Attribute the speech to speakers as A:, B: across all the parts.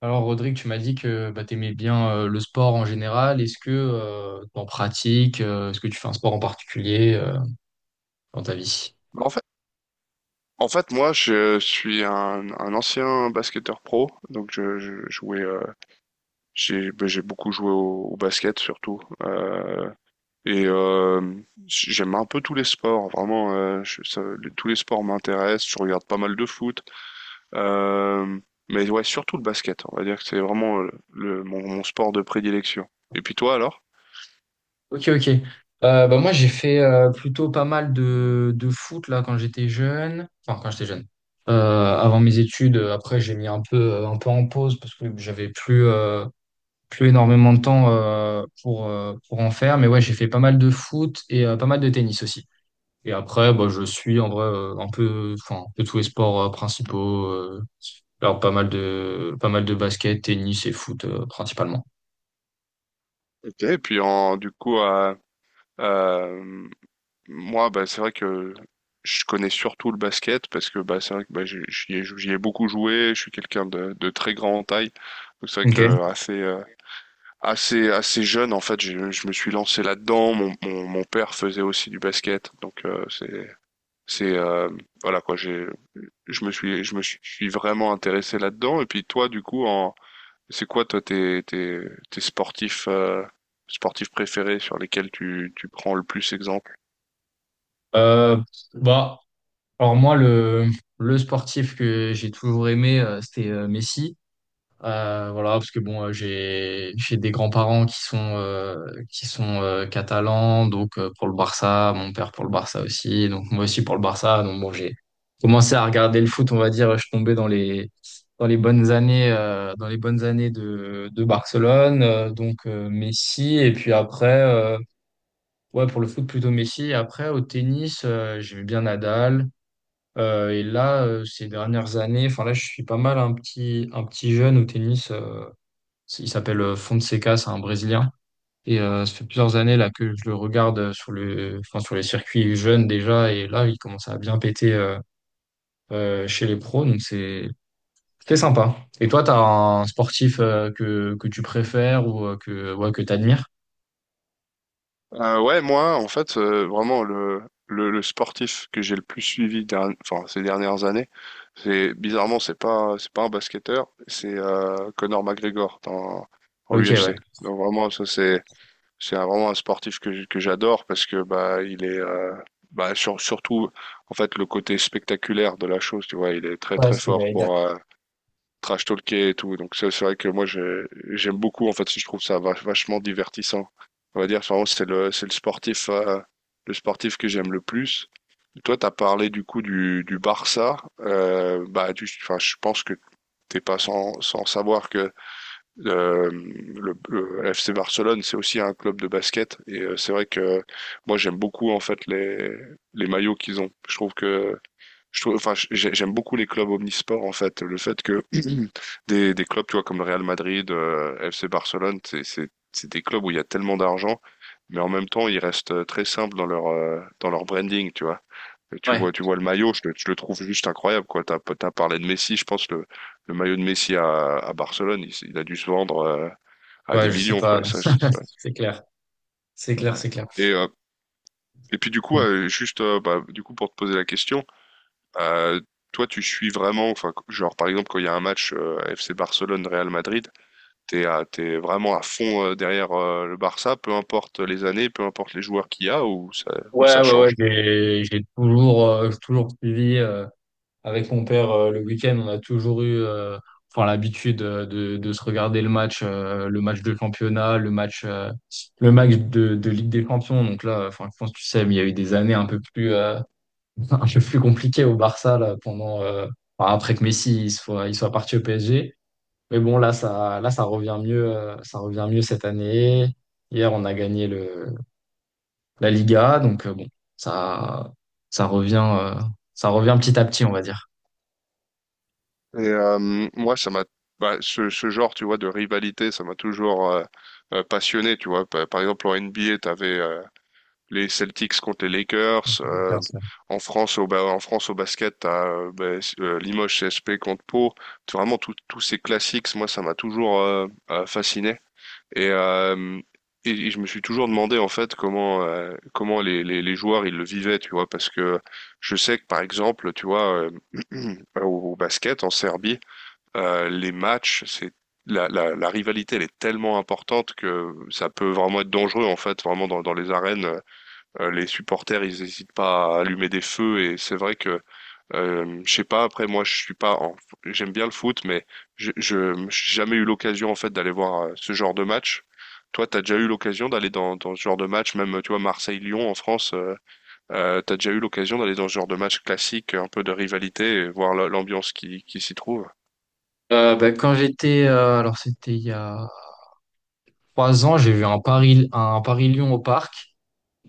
A: Alors, Rodrigue, tu m'as dit que bah, tu aimais bien le sport en général. Est-ce que tu en pratiques? Est-ce que tu fais un sport en particulier dans ta vie?
B: Bah, En fait, moi, suis un ancien basketteur pro, donc je jouais. J'ai beaucoup joué au basket surtout. Et euh, J'aime un peu tous les sports, vraiment. Tous les sports m'intéressent. Je regarde pas mal de foot, euh, mais ouais, surtout le basket. On va dire que c'est vraiment mon sport de prédilection. Et puis toi alors?
A: Ok, ok. Bah, moi, j'ai fait plutôt pas mal de foot là, quand j'étais jeune. Enfin, quand j'étais jeune. Avant mes études, après, j'ai mis un peu en pause parce que j'avais plus énormément de temps pour en faire. Mais ouais, j'ai fait pas mal de foot et pas mal de tennis aussi. Et après, bah, je suis en vrai enfin un peu tous les sports principaux. Alors pas mal de basket, tennis et foot principalement.
B: Ok, et puis du coup, à moi, bah, c'est vrai que je connais surtout le basket parce que bah, c'est vrai que bah, j'y ai beaucoup joué. Je suis quelqu'un de très grand en taille. Donc c'est vrai
A: Ok.
B: que assez jeune, en fait, je me suis lancé là-dedans. Mon père faisait aussi du basket. C'est, euh, voilà quoi, j'ai, je me suis vraiment intéressé là-dedans. Et puis toi, du coup, c'est quoi toi tes sportifs, sportifs préférés sur lesquels tu prends le plus exemple?
A: Euh, Bah, alors moi le sportif que j'ai toujours aimé, c'était Messi. Voilà, parce que bon, j'ai j'ai des grands-parents qui sont catalans, donc pour le Barça, mon père pour le Barça aussi, donc moi aussi pour le Barça. Donc bon, j'ai commencé à regarder le foot, on va dire, je tombais dans les bonnes années de Barcelone, donc Messi et puis après, ouais pour le foot plutôt Messi. Et après au tennis, j'aimais bien Nadal. Et là, ces dernières années, enfin là, je suis pas mal un petit jeune au tennis. Il s'appelle Fonseca, c'est un Brésilien. Et ça fait plusieurs années là que je le regarde enfin sur les circuits jeunes déjà. Et là, il commence à bien péter chez les pros. Donc c'est sympa. Et toi, t'as un sportif que tu préfères ou ouais, que t'admires?
B: Ouais, moi, en fait, vraiment, le sportif que j'ai le plus enfin, ces dernières années, c'est bizarrement, c'est pas un basketteur, c'est Conor McGregor dans, en
A: Ok, ouais.
B: UFC. Donc vraiment, c'est vraiment un sportif que j'adore parce que bah, il est, bah, sur- surtout, en fait, le côté spectaculaire de la chose, tu vois, il est très
A: Ouais,
B: très
A: ce que
B: fort
A: j'allais dire.
B: pour, trash talker et tout. Donc c'est vrai que j'aime beaucoup en fait, je trouve vachement divertissant. On va dire enfin, c'est le sportif que j'aime le plus. Toi t'as parlé du coup du Barça, bah tu enfin je pense que t'es pas sans savoir que le FC Barcelone c'est aussi un club de basket et c'est vrai que moi j'aime beaucoup en fait les maillots qu'ils ont. Je trouve, enfin, j'aime beaucoup les clubs omnisports en fait. Le fait que des clubs, tu vois, comme le Real Madrid, FC Barcelone, c'est des clubs où il y a tellement d'argent, mais en même temps, ils restent très simples dans leur branding, tu vois.
A: Ouais,
B: Tu vois le maillot, je le trouve juste incroyable, quoi. T'as parlé de Messi, je pense le maillot de Messi à Barcelone, il a dû se vendre à
A: ouais,
B: des
A: je sais
B: millions,
A: pas,
B: quoi. Et
A: non,
B: ça,
A: c'est c'est clair, c'est clair.
B: et puis du coup, du coup, pour te poser la question. Euh, toi, tu suis vraiment, enfin, genre par exemple quand il y a un match FC Barcelone-Real Madrid, t'es vraiment à fond derrière le Barça, peu importe les années, peu importe les joueurs qu'il y a ou
A: Ouais,
B: ça
A: ouais, ouais,
B: change.
A: j'ai toujours, toujours suivi. Avec mon père, le week-end, on a toujours eu enfin, l'habitude de se regarder le match de championnat, le match de Ligue des Champions. Donc là, enfin, je pense que tu sais, mais il y a eu des années un peu plus, un peu plus compliquées au Barça là, enfin, après que Messi il soit parti au PSG. Mais bon, là, ça revient mieux, ça revient mieux cette année. Hier, on a gagné la Liga, donc bon, ça, ça revient, ça revient petit à petit, on va dire.
B: Et moi, ce genre, tu vois, de rivalité, ça m'a toujours passionné, tu vois. Par exemple, en NBA, t'avais les Celtics contre les Lakers. En France, au basket, t'as Limoges CSP contre Pau. C'est Vraiment, tous ces classiques, moi, ça m'a toujours fasciné. Et, euh, et je me suis toujours demandé, en fait, comment les joueurs, ils le vivaient, tu vois. Parce que je sais que, par exemple, tu vois, au basket, en Serbie, les matchs, la rivalité, elle est tellement importante que ça peut vraiment être dangereux, en fait, vraiment dans les arènes. Les supporters, ils n'hésitent pas à allumer des feux et c'est vrai que je sais pas. Après, moi, je suis pas. En- J'aime bien le foot, mais j'ai jamais eu l'occasion en fait d'aller voir ce genre de match. Toi, t'as déjà eu l'occasion d'aller dans ce genre de match, même tu vois Marseille-Lyon en France. T'as déjà eu l'occasion d'aller dans ce genre de match classique, un peu de rivalité, et voir l'ambiance qui s'y trouve.
A: Ben, quand j'étais, alors c'était il y a 3 ans, j'ai vu un Paris-Lyon au parc.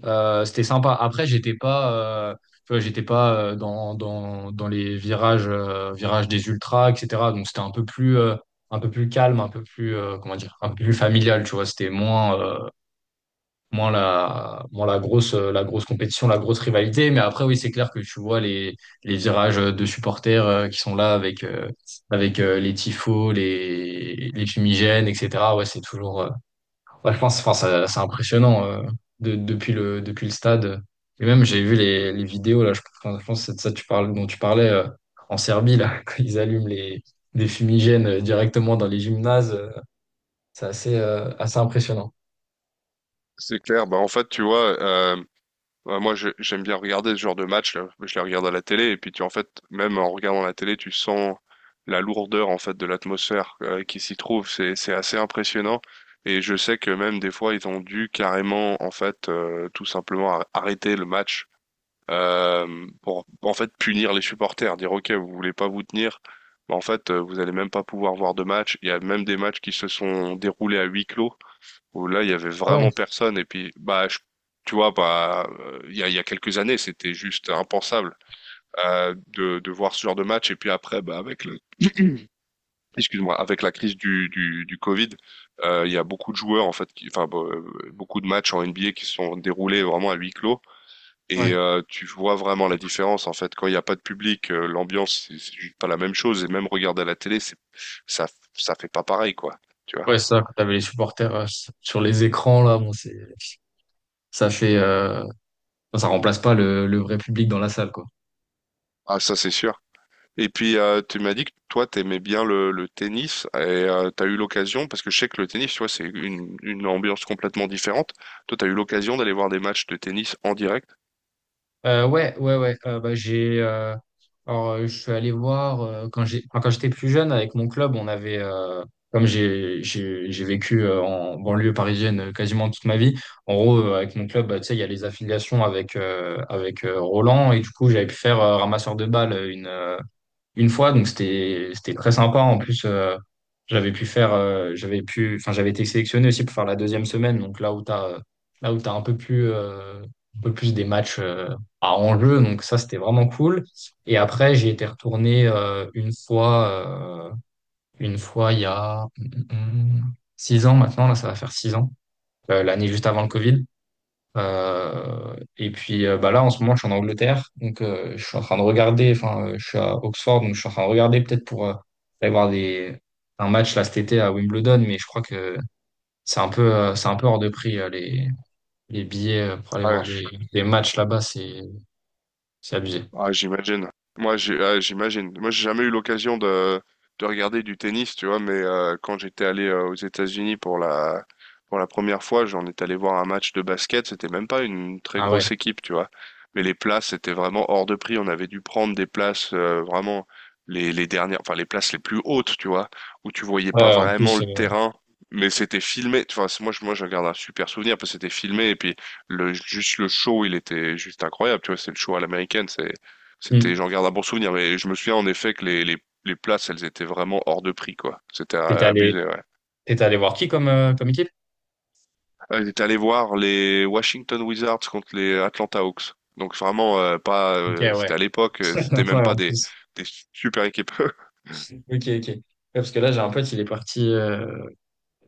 A: C'était sympa. Après, j'étais pas, euh, tu vois, j'étais pas dans les virages, virages des ultras, etc. Donc c'était un peu plus calme, comment dire, un peu plus familial, tu vois. C'était moins la grosse compétition, la grosse rivalité. Mais après, oui, c'est clair que tu vois les virages de supporters qui sont là avec, avec les tifos, les fumigènes, etc. Ouais, c'est toujours, ouais, je pense, enfin, c'est impressionnant depuis le stade. Et même, j'ai vu les vidéos, là, enfin, je pense que c'est de ça que tu parles, dont tu parlais en Serbie, là, quand ils allument des fumigènes directement dans les gymnases. C'est assez impressionnant.
B: C'est clair. Bah en fait, tu vois. Ouais, moi, j'aime bien regarder ce genre de match là. Je les regarde à la télé et puis tu en fait, même en regardant la télé, tu sens la lourdeur en fait de l'atmosphère qui s'y trouve. C'est assez impressionnant. Et je sais que même des fois, ils ont dû carrément en fait tout simplement arrêter le match pour en fait punir les supporters, dire OK, vous voulez pas vous tenir, mais en fait, vous allez même pas pouvoir voir de match. Il y a même des matchs qui se sont déroulés à huis clos où là, il y avait
A: Ah ouais.
B: vraiment personne. Et puis, tu vois, bah, il y a quelques années, c'était juste impensable de voir ce genre de match. Et puis après, bah, avec excuse-moi, avec la crise du Covid, il y a beaucoup de joueurs en fait, beaucoup de matchs en NBA qui se sont déroulés vraiment à huis clos. Et tu vois vraiment la différence en fait. Quand il n'y a pas de public, l'ambiance, c'est juste pas la même chose. Et même regarder à la télé, ça, ça fait pas pareil, quoi. Tu vois.
A: Ouais, c'est ça, quand t'avais les supporters sur les écrans, là, bon, ça fait, euh, ça remplace pas le vrai public dans la salle, quoi.
B: Ah, ça, c'est sûr. Et puis, tu m'as dit que toi, t'aimais bien le tennis et t'as eu l'occasion, parce que je sais que le tennis, tu vois, c'est une ambiance complètement différente. Toi, t'as eu l'occasion d'aller voir des matchs de tennis en direct?
A: Ouais, ouais, ouais, bah, je suis allé voir, quand quand j'étais plus jeune, avec mon club, on avait, comme j'ai vécu en banlieue parisienne quasiment toute ma vie, en gros, avec mon club, bah, tu sais, il y a les affiliations avec, avec Roland, et du coup, j'avais pu faire ramasseur de balles, une fois, donc c'était très sympa. En plus, j'avais pu faire, j'avais pu, enfin j'avais été sélectionné aussi pour faire la deuxième semaine, donc là où t'as un peu plus des matchs à enjeu, donc ça c'était vraiment cool. Et après j'ai été retourné une fois il y a 6 ans maintenant, là ça va faire 6 ans, l'année juste avant le Covid. Et puis bah là, en ce moment, je suis en Angleterre. Donc, je suis en train de regarder. Enfin, je suis à Oxford. Donc, je suis en train de regarder peut-être pour aller voir un match là cet été à Wimbledon. Mais je crois que c'est un peu hors de prix les billets pour aller
B: Ah,
A: voir des matchs là-bas. C'est abusé.
B: ah, j'imagine. Moi, j'ai jamais eu l'occasion de regarder du tennis, tu vois, mais quand j'étais allé aux États-Unis pour pour la première fois, j'en étais allé voir un match de basket. C'était même pas une très
A: Ah ouais.
B: grosse équipe, tu vois. Mais les places étaient vraiment hors de prix. On avait dû prendre des places vraiment les dernières, enfin les places les plus hautes, tu vois, où tu voyais pas
A: Ouais, en
B: vraiment
A: plus,
B: le terrain. Mais c'était filmé, tu vois, moi, je garde un super souvenir parce que c'était filmé et puis juste le show, il était juste incroyable, tu vois, c'est le show à l'américaine, c'était,
A: hmm.
B: j'en regarde un bon souvenir, mais je me souviens en effet que les places, elles étaient vraiment hors de prix, quoi. C'était
A: T'étais allé,
B: abusé, ouais.
A: t'étais allé voir qui comme équipe?
B: J'étais allé voir les Washington Wizards contre les Atlanta Hawks. Donc vraiment pas,
A: Ok, ouais.
B: c'était à l'époque, c'était même
A: Ouais,
B: pas
A: en plus.
B: des super équipes.
A: Ok, ok. Ouais, parce que là, j'ai un pote, il est parti.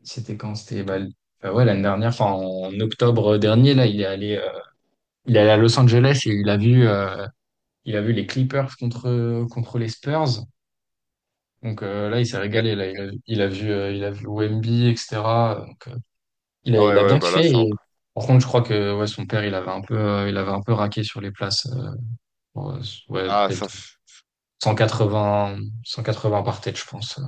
A: C'était quand? C'était bah, ouais, l'année dernière, enfin en octobre dernier, là, il est allé à Los Angeles et il a vu les Clippers contre les Spurs. Donc là, il s'est
B: Ouais,
A: régalé. Là, il a vu Wemby, etc. Donc, il a,
B: ah
A: il
B: ouais,
A: a
B: ouais,
A: bien
B: bah là
A: kiffé.
B: ça
A: Et,
B: encore.
A: par contre, je crois que ouais, son père, il avait un peu, il avait un peu raqué sur les places. Pour, ouais,
B: Ah ça,
A: peut-être
B: c'est-
A: 180, 180 par tête, je pense.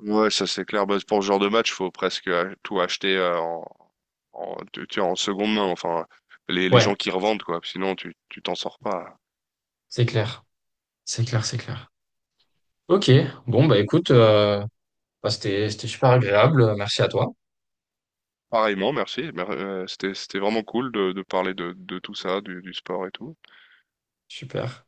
B: ouais, ça c'est clair. Bah, pour ce genre de match, faut presque tout acheter en, tu vois, en seconde main. Enfin, les
A: Ouais,
B: gens qui revendent quoi. Sinon tu t'en sors pas.
A: c'est clair, c'est clair, c'est clair. Ok, bon bah écoute. Bah, c'était super agréable. Merci à toi.
B: Pareillement, merci. C'était, c'était vraiment cool de parler de tout ça, du sport et tout.
A: Super.